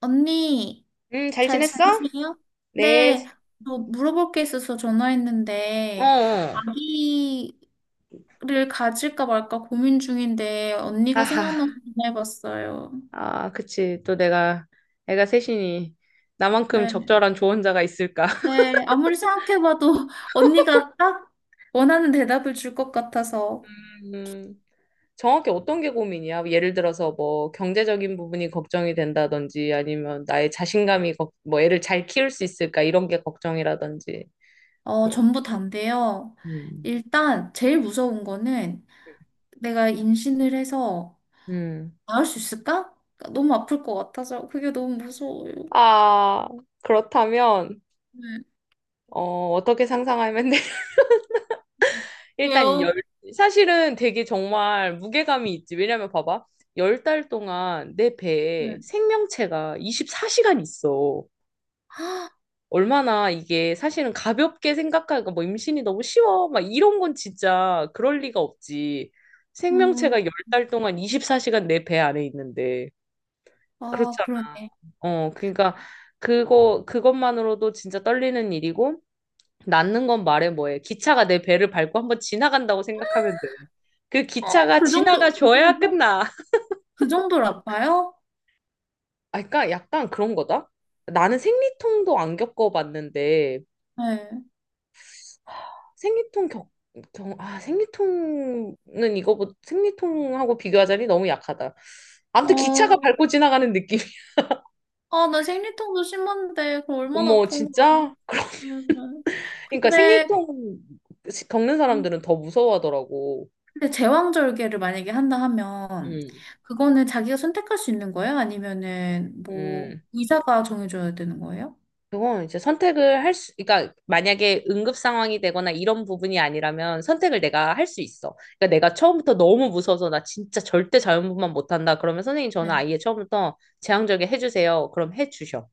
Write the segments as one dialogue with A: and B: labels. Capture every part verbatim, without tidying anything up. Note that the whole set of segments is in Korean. A: 언니,
B: 음, 잘
A: 잘
B: 지냈어?
A: 지내세요?
B: 네.
A: 네, 저 물어볼 게 있어서
B: 어,
A: 전화했는데,
B: 어.
A: 아기를 가질까 말까 고민 중인데, 언니가
B: 아하.
A: 생각나서 전화해봤어요.
B: 아, 그치. 또 내가, 애가 셋이니, 나만큼
A: 네,
B: 적절한 조언자가 있을까?
A: 네, 아무리 생각해봐도 언니가 딱 원하는 대답을 줄 것 같아서.
B: 음, 정확히 어떤 게 고민이야? 예를 들어서 뭐, 경제적인 부분이 걱정이 된다든지, 아니면 나의 자신감이, 걱- 뭐, 애를 잘 키울 수 있을까? 이런 게 걱정이라든지,
A: 어,
B: 뭐,
A: 전부 다인데요.
B: 음,
A: 일단, 제일 무서운 거는 내가 임신을 해서
B: 음.
A: 낳을 수 있을까? 너무 아플 것 같아서, 그게 너무 무서워요.
B: 아, 그렇다면,
A: 네.
B: 어, 어떻게 상상하면 일단 열
A: 왜요?
B: 사실은 되게 정말 무게감이 있지. 왜냐면 봐봐. 열 달 동안 내 배에
A: 네.
B: 생명체가 이십사 시간 있어.
A: 아,
B: 얼마나 이게 사실은 가볍게 생각하니까 뭐 임신이 너무 쉬워. 막 이런 건 진짜 그럴 리가 없지.
A: 음,
B: 생명체가 열 달 동안 이십사 시간 내 배 안에 있는데.
A: 아,
B: 그렇잖아.
A: 그러네.
B: 어, 그러니까 그거 그것만으로도 진짜 떨리는 일이고 낳는 건 말해 뭐해. 기차가 내 배를 밟고 한번 지나간다고 생각하면 돼. 그
A: 어,
B: 기차가
A: 그 정도, 그
B: 지나가줘야
A: 정도?
B: 끝나.
A: 그 정도로 아파요?
B: 아, 그러니까 약간 그런 거다. 나는 생리통도 안 겪어봤는데
A: 네.
B: 생리통 겪, 겪 아, 생리통은 이거보다 생리통하고 비교하자니 너무 약하다. 아무튼
A: 어,
B: 기차가 밟고 지나가는 느낌.
A: 아, 나 생리통도 심한데, 그 얼마나
B: 어머,
A: 아픈 거야.
B: 진짜? 그럼,
A: 음,
B: 그러니까
A: 근데,
B: 생리통 겪는
A: 음,
B: 사람들은 더 무서워하더라고.
A: 근데 제왕절개를 만약에 한다 하면,
B: 음,
A: 그거는 자기가 선택할 수 있는 거예요? 아니면은, 뭐,
B: 음.
A: 의사가 정해줘야 되는 거예요?
B: 그건 이제 선택을 할 수, 그러니까 만약에 응급 상황이 되거나 이런 부분이 아니라면 선택을 내가 할 수 있어. 그러니까 내가 처음부터 너무 무서워서 나 진짜 절대 자연분만 못한다. 그러면 선생님 저는
A: 네.
B: 아예 처음부터 제왕절개 해주세요. 그럼 해주셔.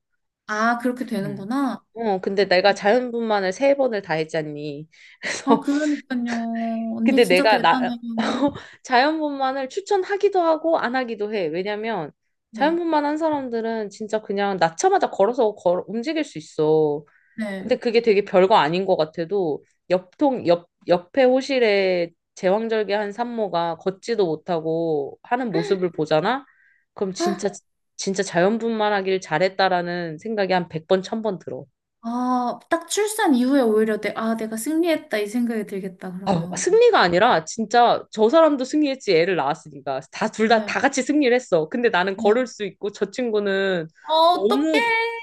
A: 아, 그렇게
B: 음.
A: 되는구나.
B: 어, 근데 내가 자연분만을 세 번을 다 했잖니.
A: 아,
B: 그래서
A: 그러니까요. 언니
B: 근데
A: 진짜
B: 내가 나
A: 대단해.
B: 자연분만을 추천하기도 하고 안 하기도 해. 왜냐면
A: 네.
B: 자연분만 한 사람들은 진짜 그냥 낳자마자 걸어서 걸 움직일 수 있어.
A: 네.
B: 근데 그게 되게 별거 아닌 것 같아도 옆통 옆 옆에 호실에 제왕절개한 산모가 걷지도 못하고 하는 모습을 보잖아? 그럼 진짜 진짜 자연분만하길 잘했다라는 생각이 한 백번 천번 들어.
A: 아, 딱 출산 이후에 오히려 내, 아, 내가 승리했다 이 생각이 들겠다,
B: 아,
A: 그러면.
B: 승리가 아니라 진짜 저 사람도 승리했지 애를 낳았으니까 다 둘 다
A: 네,
B: 다 같이 승리를 했어. 근데 나는
A: 네.
B: 걸을 수 있고 저 친구는
A: 어, 어떡해.
B: 너무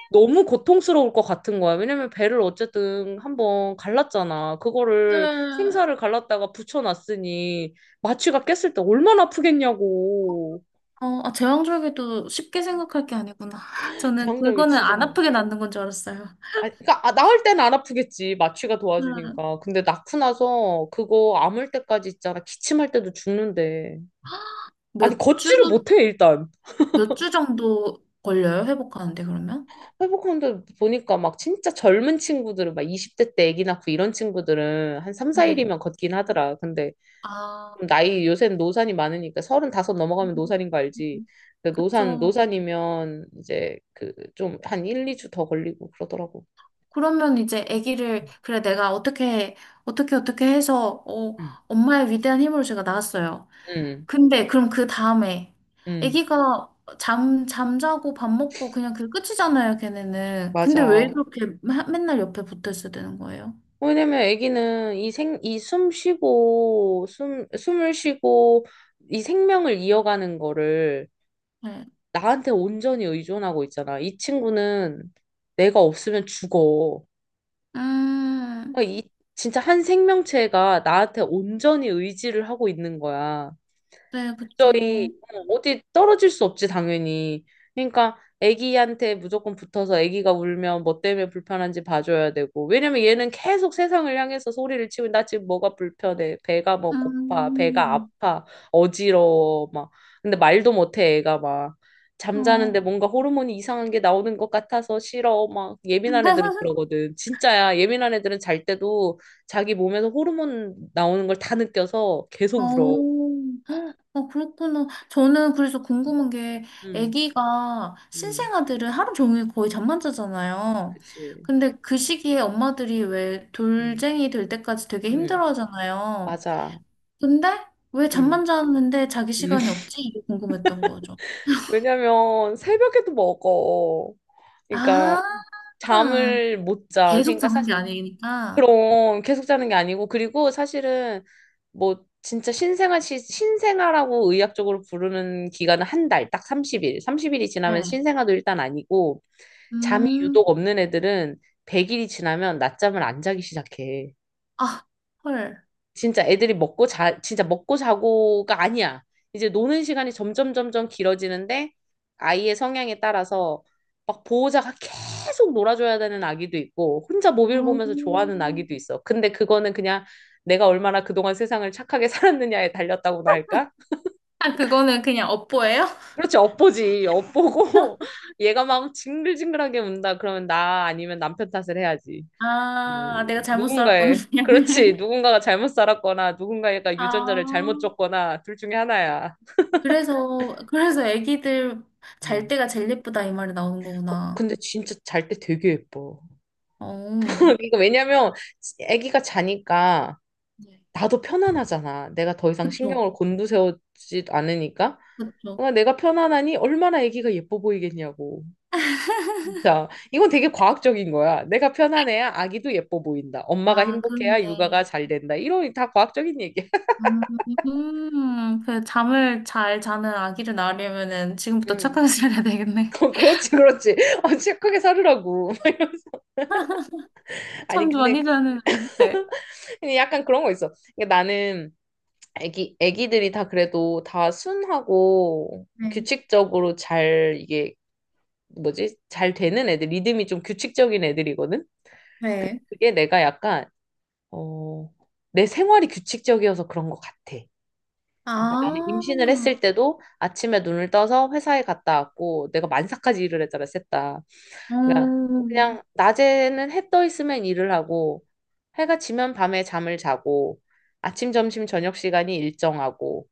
B: 너무 고통스러울 것 같은 거야. 왜냐면 배를 어쨌든 한번 갈랐잖아. 그거를
A: 네.
B: 생사를 갈랐다가 붙여놨으니 마취가 깼을 때 얼마나 아프겠냐고.
A: 어, 아, 제왕절개도 쉽게 생각할 게 아니구나. 저는
B: 장작이
A: 그거는
B: 진짜
A: 안 아프게 낫는 건 줄 알았어요.
B: 아니, 그러니까 아, 낳을 때는 안 아프겠지. 마취가
A: 네.
B: 도와주니까. 근데 낳고 나서 그거 아물 때까지 있잖아. 기침할 때도 죽는데. 아니
A: 몇 주,
B: 걷지를 못해 일단
A: 몇 주 정도 걸려요, 회복하는데, 그러면?
B: 회복하는데 보니까 막 진짜 젊은 친구들은 막 이십 대 때 아기 낳고 이런 친구들은 한 삼,
A: 네.
B: 사 일이면 걷긴 하더라 근데
A: 아,
B: 좀 나이 요새는 노산이 많으니까 서른다섯 넘어가면
A: 음,
B: 노산인 거 알지 근데
A: 그쵸.
B: 노산 노산이면 이제 그 좀 한 일, 이 주 더 걸리고 그러더라고
A: 그러면 이제 아기를, 그래, 내가 어떻게, 어떻게, 어떻게 해서, 어,
B: 응,
A: 엄마의 위대한 힘으로 제가 낳았어요.
B: 응,
A: 근데 그럼 그 다음에
B: 응,
A: 아기가 잠 잠자고 밥 먹고 그냥 그 끝이잖아요, 걔네는. 근데 왜
B: 맞아.
A: 그렇게 마- 맨날 옆에 붙어 있어야 되는 거예요?
B: 왜냐면 아기는 이 생, 이 숨 쉬고, 숨, 숨을 쉬고, 이 생명을 이어가는 거를
A: 네.
B: 나한테 온전히 의존하고 있잖아. 이 친구는 내가 없으면 죽어.
A: 음,
B: 그러니까 이 진짜 한 생명체가 나한테 온전히 의지를 하고 있는 거야.
A: 네,
B: 저희
A: 그쵸.
B: 어, 어디 떨어질 수 없지 당연히. 그러니까 아기한테 무조건 붙어서 아기가 울면 뭐 때문에 불편한지 봐줘야 되고. 왜냐면 얘는 계속 세상을 향해서 소리를 치고 나 지금 뭐가 불편해. 배가 뭐 고파. 배가
A: 음,
B: 아파. 어지러워. 막. 근데 말도 못해 애가 막.
A: 어.
B: 잠자는데 뭔가 호르몬이 이상한 게 나오는 것 같아서 싫어. 막 예민한 애들은 그러거든. 진짜야. 예민한 애들은 잘 때도 자기 몸에서 호르몬 나오는 걸 다 느껴서 계속 울어.
A: 어, 어, 그렇구나. 저는 그래서 궁금한 게,
B: 응.
A: 아기가
B: 응.
A: 신생아들은 하루 종일 거의 잠만 자잖아요.
B: 그치.
A: 근데 그 시기에 엄마들이 왜
B: 음.
A: 돌쟁이 될 때까지 되게
B: 음.
A: 힘들어 하잖아요.
B: 맞아.
A: 근데 왜
B: 음.
A: 잠만 잤는데 자기
B: 음.
A: 시간이 없지? 이게 궁금했던 거죠.
B: 왜냐면 새벽에도 먹어. 그러니까
A: 아,
B: 잠을 못 자.
A: 계속
B: 그러니까
A: 자는 게
B: 사실
A: 아니니까.
B: 그럼 계속 자는 게 아니고 그리고 사실은 뭐 진짜 신생아 시, 신생아라고 의학적으로 부르는 기간은 한 달, 딱 삼십 일. 삼십 일이 지나면
A: 네.
B: 신생아도 일단 아니고 잠이
A: 음,
B: 유독 없는 애들은 백 일이 지나면 낮잠을 안 자기 시작해.
A: 아, 헐.
B: 진짜 애들이 먹고 자, 진짜 먹고 자고가 아니야. 이제 노는 시간이 점점 점점 길어지는데 아이의 성향에 따라서 막 보호자가 계속 놀아줘야 되는 아기도 있고 혼자 모빌 보면서 좋아하는
A: 음.
B: 아기도 있어. 근데 그거는 그냥 내가 얼마나 그동안 세상을 착하게 살았느냐에 달렸다고나 할까?
A: 아, 그거는 그냥 업보예요?
B: 그렇지, 엿보지. 엿보고 얘가 막 징글징글하게 운다. 그러면 나 아니면 남편 탓을 해야지.
A: 아, 내가 잘못 살았구나.
B: 누군가의, 그렇지. 누군가가 잘못 살았거나 누군가가
A: 아,
B: 유전자를 잘못 줬거나 둘 중에 하나야.
A: 그래서, 그래서 애기들 잘
B: 음.
A: 때가 제일 예쁘다 이 말이 나오는
B: 거-
A: 거구나.
B: 근데 진짜 잘 때 되게 예뻐.
A: 어,
B: 이거 왜냐면 아기가 자니까
A: 네.
B: 나도 편안하잖아. 내가 더 이상
A: 그쵸,
B: 신경을 곤두세우지 않으니까.
A: 그쵸.
B: 어, 내가 편안하니 얼마나 아기가 예뻐 보이겠냐고. 자, 이건 되게 과학적인 거야. 내가 편안해야 아기도 예뻐 보인다. 엄마가
A: 아,
B: 행복해야 육아가
A: 그런데.
B: 잘 된다. 이런 다 과학적인 얘기야.
A: 음, 그 잠을 잘 자는 아기를 낳으려면은 지금부터
B: 음.
A: 착하게 살아야 되겠네.
B: 어, 그렇지, 그렇지. 어, 진하 크게 사르라고. 아니,
A: 잠도 많이
B: 근데,
A: 자는 아기. 네.
B: 근데 약간 그런 거 있어. 그러니까 나는 애기, 애기들이 다 그래도 다 순하고
A: 네.
B: 규칙적으로 잘, 이게 뭐지? 잘 되는 애들, 리듬이 좀 규칙적인 애들이거든?
A: 네.
B: 그게 내가 약간, 어, 내 생활이 규칙적이어서 그런 것 같아. 그러니까 나는
A: 아,
B: 임신을 했을 때도 아침에 눈을 떠서 회사에 갔다 왔고, 내가 만사까지 일을 했잖아, 셋 다. 그러니까
A: 음,
B: 그냥 낮에는 해 떠 있으면 일을 하고 해가 지면 밤에 잠을 자고 아침, 점심, 저녁 시간이 일정하고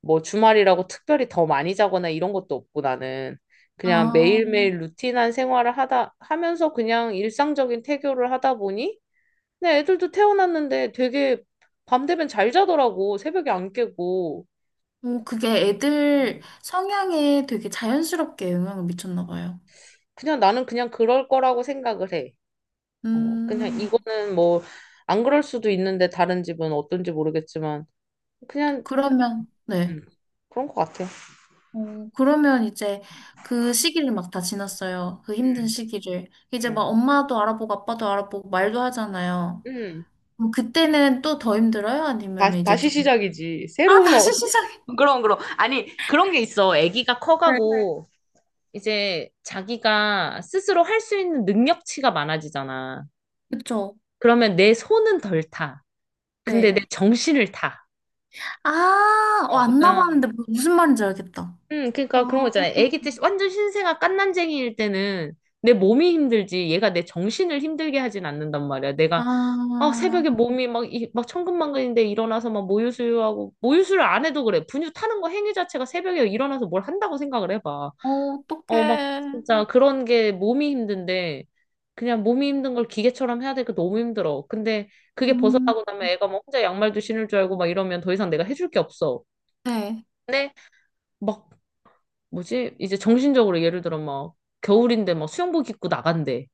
B: 뭐 주말이라고 특별히 더 많이 자거나 이런 것도 없고 나는 그냥 어,
A: 아,
B: 매일매일 루틴한 생활을 하다 하면서 그냥 일상적인 태교를 하다 보니 내 애들도 태어났는데 되게 밤 되면 잘 자더라고 새벽에 안 깨고
A: 오, 그게 애들
B: 음.
A: 성향에 되게 자연스럽게 영향을 미쳤나 봐요.
B: 그냥 나는 그냥 그럴 거라고 생각을 해. 어, 그냥
A: 음,
B: 이거는 뭐, 안 그럴 수도 있는데, 다른 집은 어떤지 모르겠지만, 그냥,
A: 그러면, 네.
B: 음, 그런 것 같아요.
A: 어, 그러면 이제 그 시기를 막 다 지났어요. 그 힘든
B: 음,
A: 시기를. 이제 막
B: 음,
A: 엄마도 알아보고 아빠도 알아보고 말도 하잖아요.
B: 음.
A: 그 그때는 또 더 힘들어요? 아니면
B: 다,
A: 이제
B: 다시
A: 좀.
B: 시작이지.
A: 아,
B: 새로운,
A: 다시
B: 어,
A: 시작해.
B: 그럼, 그럼. 아니, 그런 게 있어. 아기가
A: 네.
B: 커가고, 이제 자기가 스스로 할 수 있는 능력치가 많아지잖아.
A: 그쵸?
B: 그러면 내 손은 덜 타. 근데
A: 네.
B: 내 정신을 타.
A: 아, 어,
B: 어,
A: 안
B: 그러니까
A: 나봤는데 무슨 말인지 알겠다.
B: 음,
A: 아,
B: 그러니까 그런 거 있잖아요. 애기 때 완전 신생아 갓난쟁이일 때는 내 몸이 힘들지 얘가 내 정신을 힘들게 하진 않는단 말이야. 내가 아,
A: 아,
B: 새벽에 몸이 막, 이, 막 천근만근인데 일어나서 막 모유수유하고 모유수유를 안 해도 그래. 분유 타는 거 행위 자체가 새벽에 일어나서 뭘 한다고 생각을 해봐.
A: 어,
B: 어, 막
A: 어떡해.
B: 진짜 그런 게 몸이 힘든데 그냥 몸이 힘든 걸 기계처럼 해야 되니까 너무 힘들어. 근데 그게
A: 음,
B: 벗어나고 나면 애가 뭐 혼자 양말도 신을 줄 알고 막 이러면 더 이상 내가 해줄 게 없어.
A: 네.
B: 근데 막 뭐지? 이제 정신적으로 예를 들어 막 겨울인데 막 수영복 입고 나간대.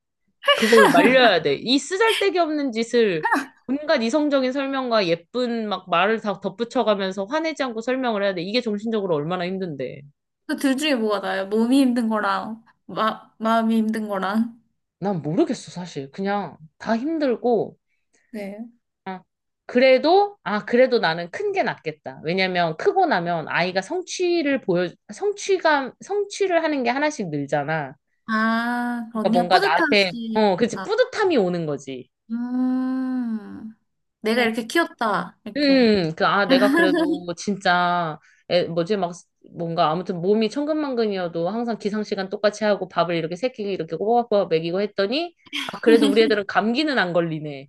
B: 그걸 말려야 돼. 이 쓰잘데기 없는 짓을 온갖 이성적인 설명과 예쁜 막 말을 다 덧붙여가면서 화내지 않고 설명을 해야 돼. 이게 정신적으로 얼마나 힘든데.
A: 그 둘 중에 뭐가 나아요? 몸이 힘든 거랑, 마, 마음이 힘든 거랑.
B: 난 모르겠어, 사실. 그냥 다 힘들고.
A: 네.
B: 아, 그래도, 아, 그래도 나는 큰 게 낫겠다. 왜냐면 크고 나면 아이가 성취를 보여, 성취감, 성취를 하는 게 하나씩 늘잖아.
A: 아, 그
B: 그러니까
A: 언니가
B: 뭔가 나한테, 어, 그치,
A: 뿌듯하시니까.
B: 뿌듯함이 오는 거지.
A: 음, 내가 이렇게 키웠다. 이렇게.
B: 음, 그, 아, 내가 그래도 진짜, 에, 뭐지, 막, 뭔가, 아무튼 몸이 천근만근이어도 항상 기상시간 똑같이 하고 밥을 이렇게 새끼 이렇게 꼬박꼬박 먹이고 했더니, 아, 그래도 우리 애들은 감기는 안 걸리네.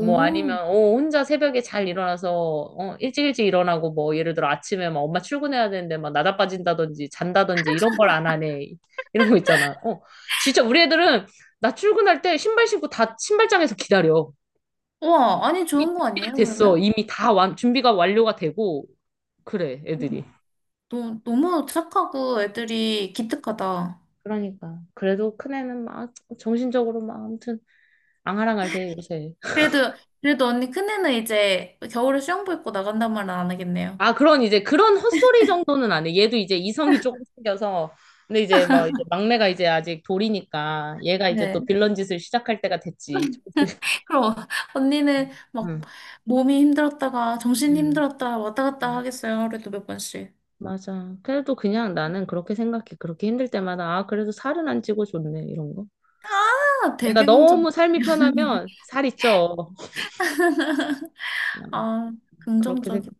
B: 뭐 아니면, 어, 혼자 새벽에 잘 일어나서, 어, 일찍 일찍 일어나고, 뭐, 예를 들어 아침에 막 엄마 출근해야 되는데 막 나다 빠진다든지, 잔다든지, 이런 걸 안 하네. 이런 거 있잖아. 어, 진짜 우리 애들은 나 출근할 때 신발 신고 다 신발장에서 기다려.
A: 우와, 아니,
B: 이미
A: 좋은 거
B: 준비가
A: 아니에요,
B: 됐어.
A: 그러면?
B: 이미 다 완, 준비가 완료가 되고 그래 애들이.
A: 너, 너무 착하고 애들이 기특하다.
B: 그러니까. 그래도 큰애는 막 정신적으로 막 아무튼 앙하랑할 대 요새.
A: 그래도, 그래도 언니 큰애는 이제 겨울에 수영복 입고 나간단 말은 안 하겠네요.
B: 아 그런 이제 그런 헛소리 정도는 안 해. 얘도 이제 이성이 조금 생겨서 근데 이제 막 이제 막내가 이제 아직 돌이니까 얘가 이제
A: 네.
B: 또 빌런 짓을 시작할 때가 됐지. 좀 있으면.
A: 그럼 언니는 막
B: 응,
A: 몸이 힘들었다가 정신이
B: 응,
A: 힘들었다 왔다 갔다
B: 응.
A: 하겠어요. 그래도 몇 번씩.
B: 맞아. 그래도 그냥 나는 그렇게 생각해. 그렇게 힘들 때마다, 아, 그래도 살은 안 찌고 좋네. 이런 거.
A: 아,
B: 내가
A: 되게 긍정.
B: 너무 삶이 편하면 살이 쪄.
A: 아,
B: 그렇게
A: 긍정적이다.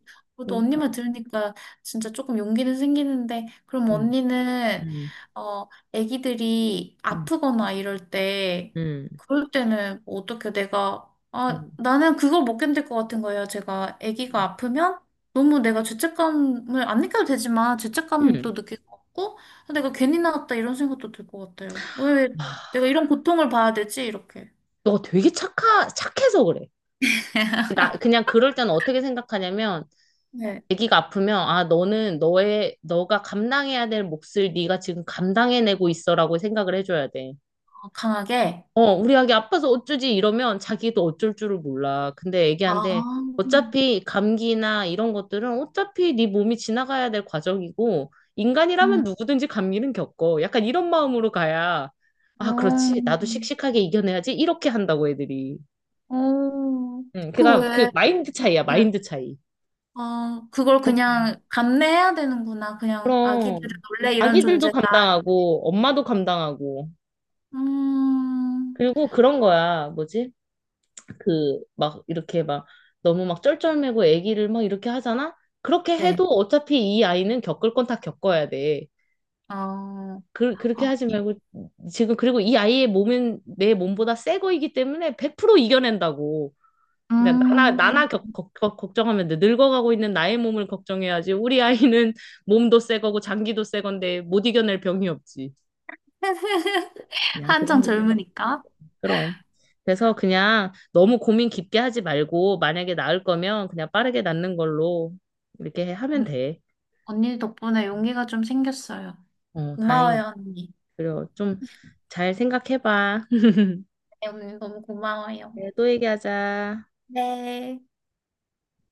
A: 또 언니
B: 생각하니까.
A: 말 들으니까 진짜 조금 용기는 생기는데, 그럼
B: 음,
A: 언니는,
B: 음,
A: 어, 애기들이
B: 음,
A: 아프거나 이럴 때,
B: 음,
A: 그럴 때는 뭐 어떻게 내가, 아,
B: 음.
A: 나는 그걸 못 견딜 것 같은 거예요. 제가 애기가 아프면 너무 내가 죄책감을 안 느껴도 되지만, 죄책감도
B: 음.
A: 느낄 것 같고, 아, 내가 괜히 나왔다 이런 생각도 들 것 같아요. 왜
B: 아,
A: 내가 이런 고통을 봐야 되지? 이렇게.
B: 너 되게 착하, 착해서 그래. 나 그냥 그럴 때는 어떻게 생각하냐면
A: 네,
B: 아기가 아프면 아 너는 너의 너가 감당해야 될 몫을 네가 지금 감당해내고 있어라고 생각을 해줘야 돼.
A: 어, 강하게.
B: 어, 우리 아기 아파서 어쩌지 이러면 자기도 어쩔 줄을 몰라. 근데 애기한테
A: 아,
B: 어차피 감기나 이런 것들은 어차피 네 몸이 지나가야 될 과정이고 인간이라면
A: 음.
B: 누구든지 감기는 겪어. 약간 이런 마음으로 가야 아,
A: 어,
B: 그렇지. 나도 씩씩하게 이겨내야지. 이렇게 한다고 애들이.
A: 어.
B: 응,
A: 그
B: 그니까 그
A: 왜,
B: 마인드 차이야, 마인드 차이.
A: 어, 그걸 그냥 감내해야 되는구나. 그냥 아기들은
B: 그럼
A: 원래 이런
B: 아기들도
A: 존재다.
B: 감당하고 엄마도 감당하고
A: 음,
B: 그리고 그런 거야. 뭐지? 그 막 이렇게 막 너무 막 쩔쩔매고 아기를 막 이렇게 하잖아? 그렇게 해도
A: 네.
B: 어차피 이 아이는 겪을 건 다 겪어야 돼.
A: 어, 어,
B: 그, 그렇게 하지 말고 지금 그리고 이 아이의 몸은 내 몸보다 새 거이기 때문에 백 퍼센트 이겨낸다고. 그러니까 나나
A: 음.
B: 나나 겪, 걱- 걱- 걱정하면 돼. 늙어가고 있는 나의 몸을 걱정해야지. 우리 아이는 몸도 새 거고 장기도 새 건데 못 이겨낼 병이 없지. 그냥 그
A: 한창
B: 정도
A: 젊으니까.
B: 그럼. 그래서 그냥 너무 고민 깊게 하지 말고, 만약에 낳을 거면 그냥 빠르게 낳는 걸로 이렇게 해- 하면
A: 언-
B: 돼.
A: 언니 덕분에 용기가 좀 생겼어요.
B: 어, 다행이다.
A: 고마워요, 언니.
B: 그래, 좀 잘 생각해봐.
A: 네, 언니 너무 고마워요.
B: 네, 또 얘기하자.
A: 네.